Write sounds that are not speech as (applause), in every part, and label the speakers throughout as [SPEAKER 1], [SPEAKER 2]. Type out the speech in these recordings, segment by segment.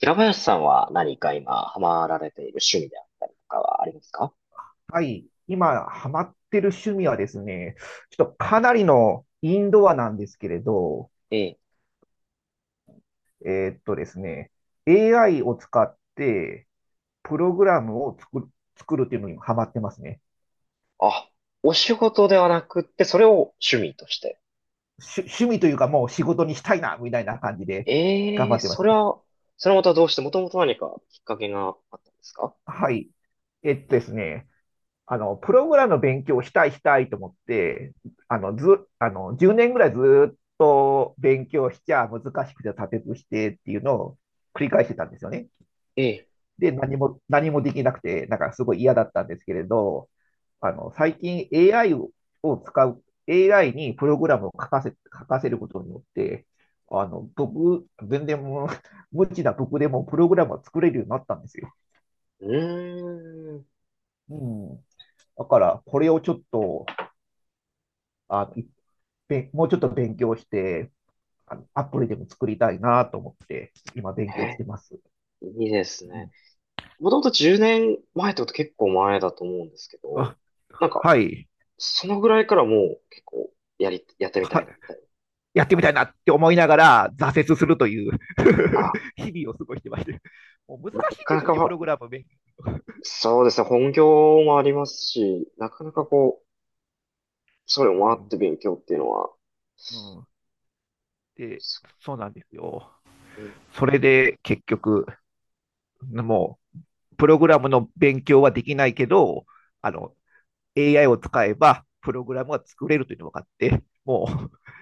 [SPEAKER 1] 平林さんは何か今ハマられている趣味であったりとかはありますか？
[SPEAKER 2] はい。今、ハマってる趣味はですね、ちょっとかなりのインドアなんですけれど、
[SPEAKER 1] ええ、
[SPEAKER 2] ですね、AI を使ってプログラムを作る、っていうのにハマってますね。
[SPEAKER 1] あ、お仕事ではなくって、それを趣味として。
[SPEAKER 2] 趣味というかもう仕事にしたいな、みたいな感じで頑
[SPEAKER 1] ええ、
[SPEAKER 2] 張ってま
[SPEAKER 1] そ
[SPEAKER 2] す。
[SPEAKER 1] れは、それはまたどうして、もともと何かきっかけがあったんですか？
[SPEAKER 2] はい。えっとですね、あの、プログラムの勉強をしたいと思って、あの、ず、あの、10年ぐらいずっと勉強しちゃ難しくて立てずしてっていうのを繰り返してたんですよね。
[SPEAKER 1] ええ、
[SPEAKER 2] で、何もできなくて、なんかすごい嫌だったんですけれど、最近 AI を使う、AI にプログラムを書かせることによって、あの、僕、全然もう、(laughs) 無知な僕でもプログラムを作れるようになったんですよ。
[SPEAKER 1] うーん。
[SPEAKER 2] うん。だから、これをちょっと、いっぺん、もうちょっと勉強して、アプリでも作りたいなと思って、今勉強し
[SPEAKER 1] え、
[SPEAKER 2] てます。
[SPEAKER 1] いいです
[SPEAKER 2] う
[SPEAKER 1] ね。
[SPEAKER 2] ん、
[SPEAKER 1] もともと10年前ってこと結構前だと思うんですけど、
[SPEAKER 2] あ、
[SPEAKER 1] なんか、
[SPEAKER 2] はい。
[SPEAKER 1] そのぐらいからもう結構やってみたい
[SPEAKER 2] は、
[SPEAKER 1] なみたいな。
[SPEAKER 2] やってみたいなって思いながら挫折するという
[SPEAKER 1] あ、
[SPEAKER 2] (laughs) 日々を過ごしてまして、もう難
[SPEAKER 1] な
[SPEAKER 2] しいん
[SPEAKER 1] か
[SPEAKER 2] で
[SPEAKER 1] な
[SPEAKER 2] すよ
[SPEAKER 1] か
[SPEAKER 2] ね、プ
[SPEAKER 1] は、
[SPEAKER 2] ログラム勉強、
[SPEAKER 1] そうですね、本業もありますし、なかなかこう、それもあって勉強っていうのは、
[SPEAKER 2] うんうん。で、
[SPEAKER 1] す
[SPEAKER 2] そうなんですよ。
[SPEAKER 1] ごいね。
[SPEAKER 2] それで結局、もうプログラムの勉強はできないけど、あの AI を使えばプログラムが作れるというのが分かって、もう、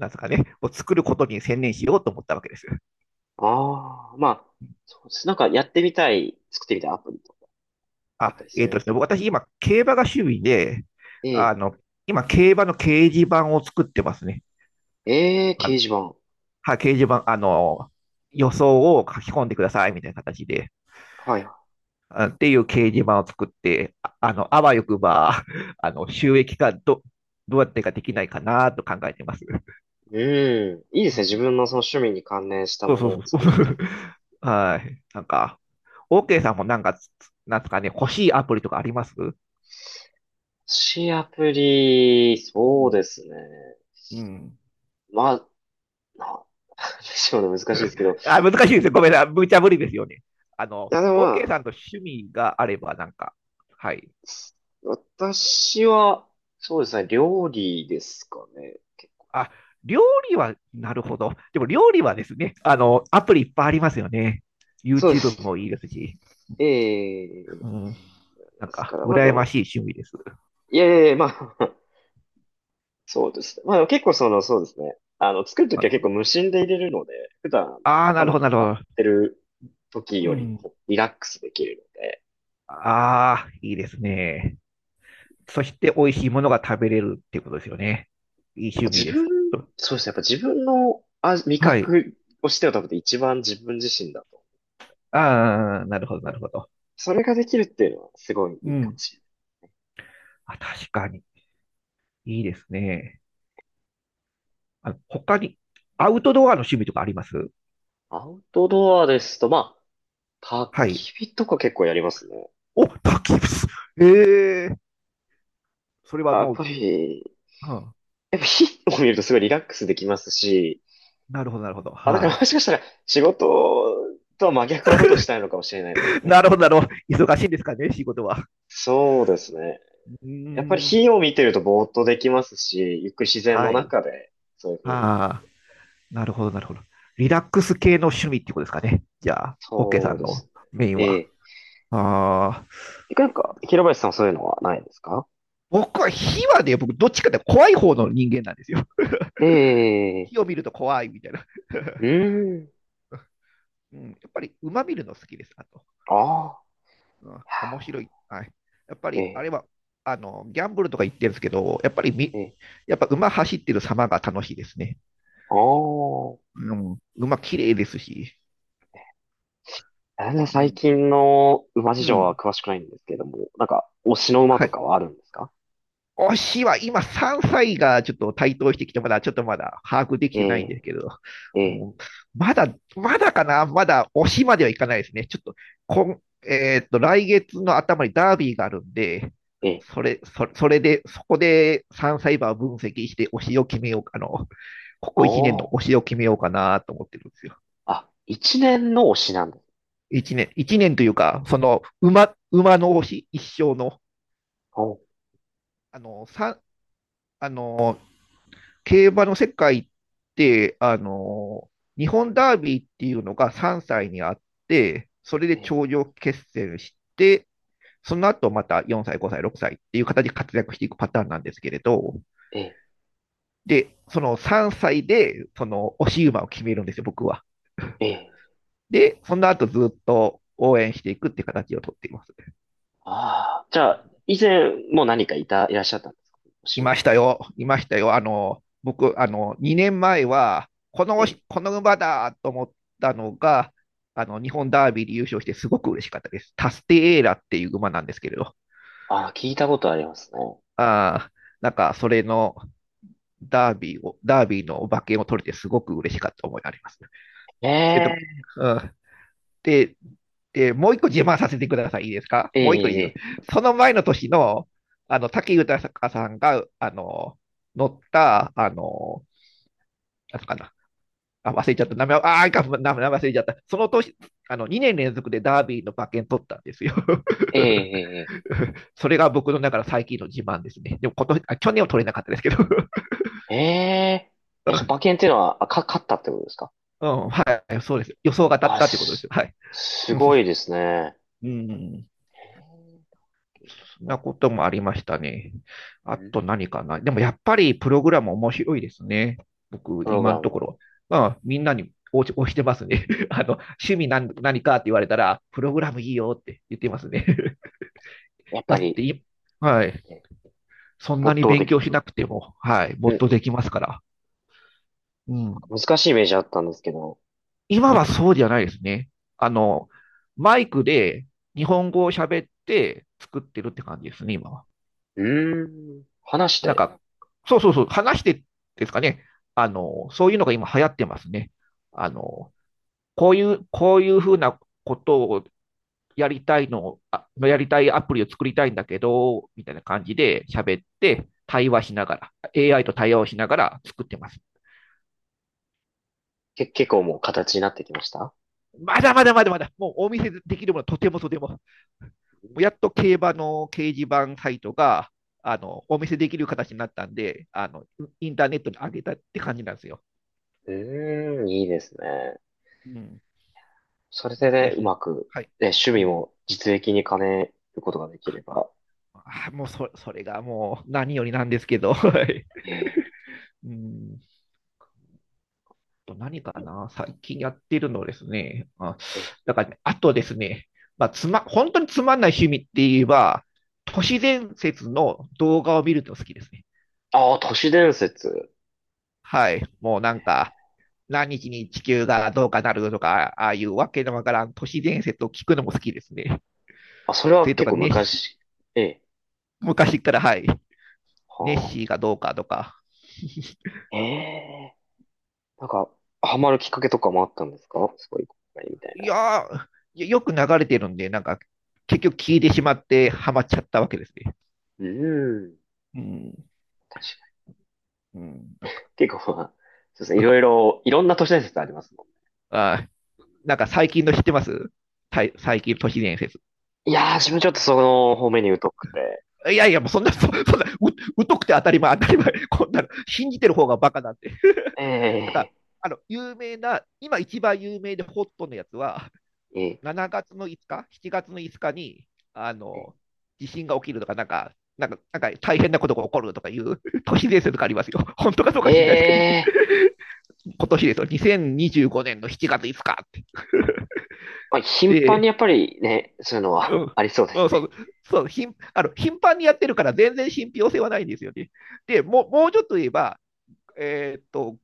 [SPEAKER 2] (laughs) なんですかね、もう作ることに専念しようと思ったわけです。
[SPEAKER 1] ああ、まあ、そうです。なんかやってみたい、作ってみたいアプリとかあっ
[SPEAKER 2] あ、
[SPEAKER 1] たりす
[SPEAKER 2] えっ、ー、
[SPEAKER 1] る
[SPEAKER 2] と
[SPEAKER 1] ん
[SPEAKER 2] で
[SPEAKER 1] で
[SPEAKER 2] す
[SPEAKER 1] す
[SPEAKER 2] ね、
[SPEAKER 1] か？
[SPEAKER 2] 私今、競馬が趣味で、
[SPEAKER 1] え
[SPEAKER 2] あ
[SPEAKER 1] え、
[SPEAKER 2] の、今、競馬の掲示板を作ってますね。
[SPEAKER 1] ええ、
[SPEAKER 2] あ
[SPEAKER 1] 掲示板。
[SPEAKER 2] はい、掲示板、予想を書き込んでくださいみたいな形で、
[SPEAKER 1] はいは
[SPEAKER 2] あっていう掲示板を作って、あわよくば、(laughs) 収益化どうやってかできないかなと考えてます。
[SPEAKER 1] い。うん。いいです
[SPEAKER 2] う
[SPEAKER 1] ね。自
[SPEAKER 2] ん
[SPEAKER 1] 分のその趣味に関連した
[SPEAKER 2] そう
[SPEAKER 1] も
[SPEAKER 2] そ
[SPEAKER 1] の
[SPEAKER 2] うそ
[SPEAKER 1] を
[SPEAKER 2] う。
[SPEAKER 1] 作るっていうの。
[SPEAKER 2] (laughs) はい。なんか、OK さんもなんか、なんですかね、欲しいアプリとかあります？う
[SPEAKER 1] しアプリ、
[SPEAKER 2] ん
[SPEAKER 1] そうですね。
[SPEAKER 2] うん。
[SPEAKER 1] まあ、なん (laughs) でしょうね。難しいですけど。
[SPEAKER 2] あ、難しいですよ。ごめんなさい。無茶ぶりですよね。
[SPEAKER 1] いや、でも
[SPEAKER 2] OK
[SPEAKER 1] ま
[SPEAKER 2] さ
[SPEAKER 1] あ、
[SPEAKER 2] んと趣味があれば、なんか、はい。
[SPEAKER 1] 私は、そうですね、料理ですかね。
[SPEAKER 2] あ、料理は、なるほど。でも料理はですね、アプリいっぱいありますよね。
[SPEAKER 1] そうで
[SPEAKER 2] YouTube
[SPEAKER 1] す
[SPEAKER 2] も
[SPEAKER 1] ね。
[SPEAKER 2] いいですし、
[SPEAKER 1] え
[SPEAKER 2] う
[SPEAKER 1] え、
[SPEAKER 2] ん、なん
[SPEAKER 1] ですか
[SPEAKER 2] か、
[SPEAKER 1] ら、まあで
[SPEAKER 2] 羨ま
[SPEAKER 1] も、
[SPEAKER 2] しい趣味です。
[SPEAKER 1] いやいやいや、まあ、(laughs) そうですね。まあでも結構その、そうですね。あの、作るときは結構無心で入れるので、普段
[SPEAKER 2] ああ、なる
[SPEAKER 1] 頭
[SPEAKER 2] ほど、なるほ
[SPEAKER 1] 使っ
[SPEAKER 2] ど。
[SPEAKER 1] てる時
[SPEAKER 2] う
[SPEAKER 1] より
[SPEAKER 2] ん、
[SPEAKER 1] もリラックスできるので、
[SPEAKER 2] ああ、いいですね。そして美味しいものが食べれるっていうことですよね。いい
[SPEAKER 1] やっ
[SPEAKER 2] 趣
[SPEAKER 1] ぱ
[SPEAKER 2] 味
[SPEAKER 1] 自
[SPEAKER 2] で
[SPEAKER 1] 分、
[SPEAKER 2] す。
[SPEAKER 1] そうですね、やっぱ自分の味
[SPEAKER 2] はい。
[SPEAKER 1] 覚をしては多分一番自分自身だと。
[SPEAKER 2] ああ、なるほど、なるほど。
[SPEAKER 1] それができるっていうのはすごいい
[SPEAKER 2] う
[SPEAKER 1] いかも
[SPEAKER 2] ん。
[SPEAKER 1] しれ
[SPEAKER 2] あ、確かに。いいですね。あ、他に、アウトドアの趣味とかあります？
[SPEAKER 1] ない。アウトドアですと、まあ、焚
[SPEAKER 2] はい。
[SPEAKER 1] き火とか結構やりますね。
[SPEAKER 2] お、焚き火。ええー、それ
[SPEAKER 1] あ、
[SPEAKER 2] は
[SPEAKER 1] やっ
[SPEAKER 2] もう、
[SPEAKER 1] ぱり、
[SPEAKER 2] うん、
[SPEAKER 1] やっぱ火を見るとすごいリラックスできますし、
[SPEAKER 2] なるほど、なるほど。
[SPEAKER 1] あ、だから
[SPEAKER 2] は
[SPEAKER 1] もしかしたら仕事とは真逆のことをしたいのかもしれな
[SPEAKER 2] い。
[SPEAKER 1] いです
[SPEAKER 2] (laughs)
[SPEAKER 1] ね。
[SPEAKER 2] なるほど、なるほど。忙しいんですかね、仕事は。
[SPEAKER 1] そうですね。
[SPEAKER 2] う
[SPEAKER 1] やっぱり
[SPEAKER 2] ーん。
[SPEAKER 1] 火を見てるとぼーっとできますし、ゆっくり自然
[SPEAKER 2] は
[SPEAKER 1] の
[SPEAKER 2] い。
[SPEAKER 1] 中で、そういうふうに。
[SPEAKER 2] ああ、なるほど、なるほど。リラックス系の趣味ってことですかね。じゃあ、オッケーさ
[SPEAKER 1] そう
[SPEAKER 2] ん
[SPEAKER 1] です
[SPEAKER 2] の
[SPEAKER 1] ね。
[SPEAKER 2] メイン
[SPEAKER 1] え
[SPEAKER 2] は？
[SPEAKER 1] え。
[SPEAKER 2] ああ、
[SPEAKER 1] てかなんか、平林さんはそういうのはないですか？
[SPEAKER 2] 僕は火はね、僕、どっちかって怖い方の人間なんですよ。
[SPEAKER 1] ええ。
[SPEAKER 2] 火を見ると怖いみたいな。
[SPEAKER 1] う
[SPEAKER 2] (laughs)
[SPEAKER 1] ーん。
[SPEAKER 2] うん、やっぱり馬見るの好きです、あと。
[SPEAKER 1] ああ。
[SPEAKER 2] うん、面白い。はい。やっぱ
[SPEAKER 1] え
[SPEAKER 2] り、あれ
[SPEAKER 1] え。
[SPEAKER 2] は、ギャンブルとか言ってるんですけど、
[SPEAKER 1] ええ。
[SPEAKER 2] やっぱ馬走ってる様が楽しいですね。
[SPEAKER 1] ああ。
[SPEAKER 2] うん、馬綺麗ですし。
[SPEAKER 1] 全然
[SPEAKER 2] う
[SPEAKER 1] 最
[SPEAKER 2] ん。
[SPEAKER 1] 近の馬事
[SPEAKER 2] う
[SPEAKER 1] 情は
[SPEAKER 2] ん。
[SPEAKER 1] 詳しくないんですけれども、なんか、推しの馬
[SPEAKER 2] は
[SPEAKER 1] とか
[SPEAKER 2] い。
[SPEAKER 1] はあるんですか？
[SPEAKER 2] 推しは今3歳がちょっと台頭してきて、まだちょっとまだ把握でき
[SPEAKER 1] え
[SPEAKER 2] てないんで
[SPEAKER 1] え、
[SPEAKER 2] すけど、
[SPEAKER 1] ええ、
[SPEAKER 2] もうまだ、まだかなまだ推しまではいかないですね。ちょっと、こん、えーっと、来月の頭にダービーがあるんで、
[SPEAKER 1] ええ、
[SPEAKER 2] それで、そこで3歳馬を分析して推しを決めようか、ここ1年の
[SPEAKER 1] お
[SPEAKER 2] 推
[SPEAKER 1] ー。
[SPEAKER 2] しを決めようかなと思ってるんですよ。
[SPEAKER 1] あ、一年の推しなんです。
[SPEAKER 2] 1年、一年というか、その、馬の推し、一生の。
[SPEAKER 1] おー、
[SPEAKER 2] あの、さ、あの、競馬の世界って、日本ダービーっていうのが3歳にあって、それで
[SPEAKER 1] ええ、
[SPEAKER 2] 頂上決戦して、その後また4歳、5歳、6歳っていう形で活躍していくパターンなんですけれど、
[SPEAKER 1] ええ、
[SPEAKER 2] で、その3歳で、その押し馬を決めるんですよ、僕は。
[SPEAKER 1] ええ。
[SPEAKER 2] で、その後ずっと応援していくっていう形をとっています。
[SPEAKER 1] ああ、じゃあ、以前も何かいらっしゃったんですか？推し
[SPEAKER 2] い
[SPEAKER 1] の。
[SPEAKER 2] ましたよ、いましたよ。僕、2年前は、この、
[SPEAKER 1] ええ。
[SPEAKER 2] この馬だと思ったのが、日本ダービーで優勝してすごく嬉しかったです。タステエーラっていう馬なんですけれど、
[SPEAKER 1] ああ、聞いたことありますね。
[SPEAKER 2] ああ、なんか、それのダービーの馬券を取れてすごく嬉しかった思いがあります。えっと、
[SPEAKER 1] え
[SPEAKER 2] うん、で、で、もう一個自慢させてください。いいですか？
[SPEAKER 1] え、
[SPEAKER 2] もう一個いい
[SPEAKER 1] え
[SPEAKER 2] よ。
[SPEAKER 1] え、
[SPEAKER 2] その前の年の、武豊さんが、乗った、なんすかな、あ、忘れちゃった。名前、名前忘れちゃった。その年、2年連続でダービーの馬券取ったんですよ。
[SPEAKER 1] ええ、ええ、
[SPEAKER 2] (laughs) それが僕の中の最近の自慢ですね。でも今年、あ、去年は取れなかったですけど。
[SPEAKER 1] ええ、え、ええその馬
[SPEAKER 2] (laughs)
[SPEAKER 1] 券っていうのは、勝ったってことですか？
[SPEAKER 2] うん、はい、そうです。予想が当たっ
[SPEAKER 1] あ、
[SPEAKER 2] たってことです。
[SPEAKER 1] す、
[SPEAKER 2] はい。
[SPEAKER 1] すごい
[SPEAKER 2] (laughs)
[SPEAKER 1] ですね。
[SPEAKER 2] うん、
[SPEAKER 1] ええ、
[SPEAKER 2] そんなこともありましたね。あ
[SPEAKER 1] うん、
[SPEAKER 2] と何かな。でもやっぱりプログラム面白いですね。僕、
[SPEAKER 1] プログ
[SPEAKER 2] 今
[SPEAKER 1] ラ
[SPEAKER 2] のとこ
[SPEAKER 1] ム、
[SPEAKER 2] ろ。まあ、みんなに押してますね。(laughs) 趣味何かって言われたら、プログラムいいよって言ってますね。(laughs)
[SPEAKER 1] やっ
[SPEAKER 2] だ
[SPEAKER 1] ぱ
[SPEAKER 2] って
[SPEAKER 1] り、
[SPEAKER 2] い、はい。
[SPEAKER 1] ね、
[SPEAKER 2] そんな
[SPEAKER 1] 没
[SPEAKER 2] に
[SPEAKER 1] 頭
[SPEAKER 2] 勉
[SPEAKER 1] でき
[SPEAKER 2] 強し
[SPEAKER 1] る。
[SPEAKER 2] なくても、はい。も
[SPEAKER 1] う
[SPEAKER 2] っ
[SPEAKER 1] ん
[SPEAKER 2] と
[SPEAKER 1] う
[SPEAKER 2] でき
[SPEAKER 1] ん、
[SPEAKER 2] ますから。うん。
[SPEAKER 1] 難しいイメージあったんですけど、
[SPEAKER 2] 今はそうじゃないですね。あの、マイクで日本語を喋って作ってるって感じですね、今は。
[SPEAKER 1] うーん。話し
[SPEAKER 2] なん
[SPEAKER 1] て、
[SPEAKER 2] か、そうそうそう、話してですかね。そういうのが今流行ってますね。あの、こういうふうなことをやりたいのやりたいアプリを作りたいんだけど、みたいな感じで喋って、対話しながら、AI と対話をしながら作ってます。
[SPEAKER 1] 結構もう形になってきました？
[SPEAKER 2] まだまだまだまだ、もうお見せできるものはとてもとても。もうやっと競馬の掲示板サイトが、お見せできる形になったんで、インターネットに上げたって感じなんですよ。
[SPEAKER 1] うーん。いいですね。
[SPEAKER 2] うん。
[SPEAKER 1] それで
[SPEAKER 2] ぜ
[SPEAKER 1] ね、う
[SPEAKER 2] ひ。
[SPEAKER 1] まく、
[SPEAKER 2] はい。
[SPEAKER 1] ね、趣
[SPEAKER 2] う
[SPEAKER 1] 味
[SPEAKER 2] ん。
[SPEAKER 1] も実益に兼ねることができれば。
[SPEAKER 2] あもうそ、それがもう何よりなんですけど。(laughs) はい。
[SPEAKER 1] ええ、
[SPEAKER 2] うんと何かな、最近やってるのですね。あ、
[SPEAKER 1] ええ。
[SPEAKER 2] だからね、あとですね、まあ、本当につまんない趣味って言えば、都市伝説の動画を見るの好きですね。
[SPEAKER 1] ああ、都市伝説。
[SPEAKER 2] はい。もうなんか、何日に地球がどうかなるとか、ああいうわけのわからん都市伝説を聞くのも好きですね。
[SPEAKER 1] あ、それ
[SPEAKER 2] そ
[SPEAKER 1] は
[SPEAKER 2] れと
[SPEAKER 1] 結
[SPEAKER 2] か、
[SPEAKER 1] 構
[SPEAKER 2] ネッシー、
[SPEAKER 1] 昔。ええ。
[SPEAKER 2] 昔から、はい。ネッ
[SPEAKER 1] は
[SPEAKER 2] シーがどうかとか。(laughs)
[SPEAKER 1] あ。ええ。なんか、ハマるきっかけとかもあったんですか？すごい、みたい
[SPEAKER 2] い
[SPEAKER 1] な。
[SPEAKER 2] やー、よく流れてるんで、なんか、結局聞いてしまってハマっちゃったわけですね。
[SPEAKER 1] うーん。
[SPEAKER 2] うん、
[SPEAKER 1] 確かに。
[SPEAKER 2] うん、なんか、
[SPEAKER 1] 結構まあ、そうですね、いろいろ、いろんな都市伝説ありますも
[SPEAKER 2] あ最近の知ってます？最近の都市伝説。
[SPEAKER 1] ん。いやー、自分ちょっとその方面に疎くて。
[SPEAKER 2] いやいや、もうそんな、そそんな、う、疎くて当たり前、当たり前。こんなの、信じてる方がバカなんて。なんか、
[SPEAKER 1] ええ、
[SPEAKER 2] 有名な、今一番有名でホットのやつは、
[SPEAKER 1] ええ、
[SPEAKER 2] 7月の5日、7月の5日に、あの、地震が起きるとか、なんか大変なことが起こるとかいう (laughs) 都市伝説とかありますよ。本当かどうか
[SPEAKER 1] え
[SPEAKER 2] 知んないですけど、ね。
[SPEAKER 1] え、
[SPEAKER 2] 今年ですよ、2025年の7月5日って。
[SPEAKER 1] まあ、頻繁
[SPEAKER 2] で、
[SPEAKER 1] にやっぱりね、そういうのは
[SPEAKER 2] うん
[SPEAKER 1] (laughs) ありそうで
[SPEAKER 2] う
[SPEAKER 1] す
[SPEAKER 2] ん、そ
[SPEAKER 1] ね。
[SPEAKER 2] うそう頻あの頻繁にやってるから全然信憑性はないんですよね。でもうもうちょっと言えば、えーっと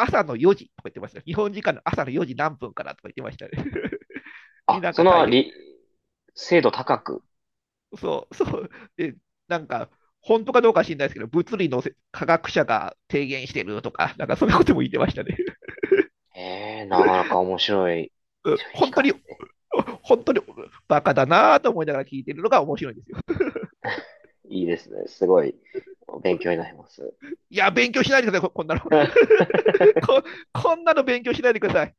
[SPEAKER 2] 朝の4時とか言ってました。日本時間の朝の4時何分からとか言ってましたね。(laughs) に
[SPEAKER 1] あ、
[SPEAKER 2] なん
[SPEAKER 1] そ
[SPEAKER 2] か大
[SPEAKER 1] の、
[SPEAKER 2] 変。
[SPEAKER 1] 精度高く。
[SPEAKER 2] そうそう、で、なんか本当かどうか知らないですけど、物理の科学者が提言してるとか、なんかそんなことも言ってましたね。
[SPEAKER 1] ええ、なかなか面白い、
[SPEAKER 2] (laughs)
[SPEAKER 1] 機
[SPEAKER 2] 本当
[SPEAKER 1] 会。
[SPEAKER 2] に、本当にバカだなと思いながら聞いてるのが面白いんですよ。
[SPEAKER 1] いいですね。すごい、勉強になります。
[SPEAKER 2] いや、勉強しないでください、こんなの。(laughs) こ
[SPEAKER 1] (laughs)
[SPEAKER 2] こんなの勉強しないでください。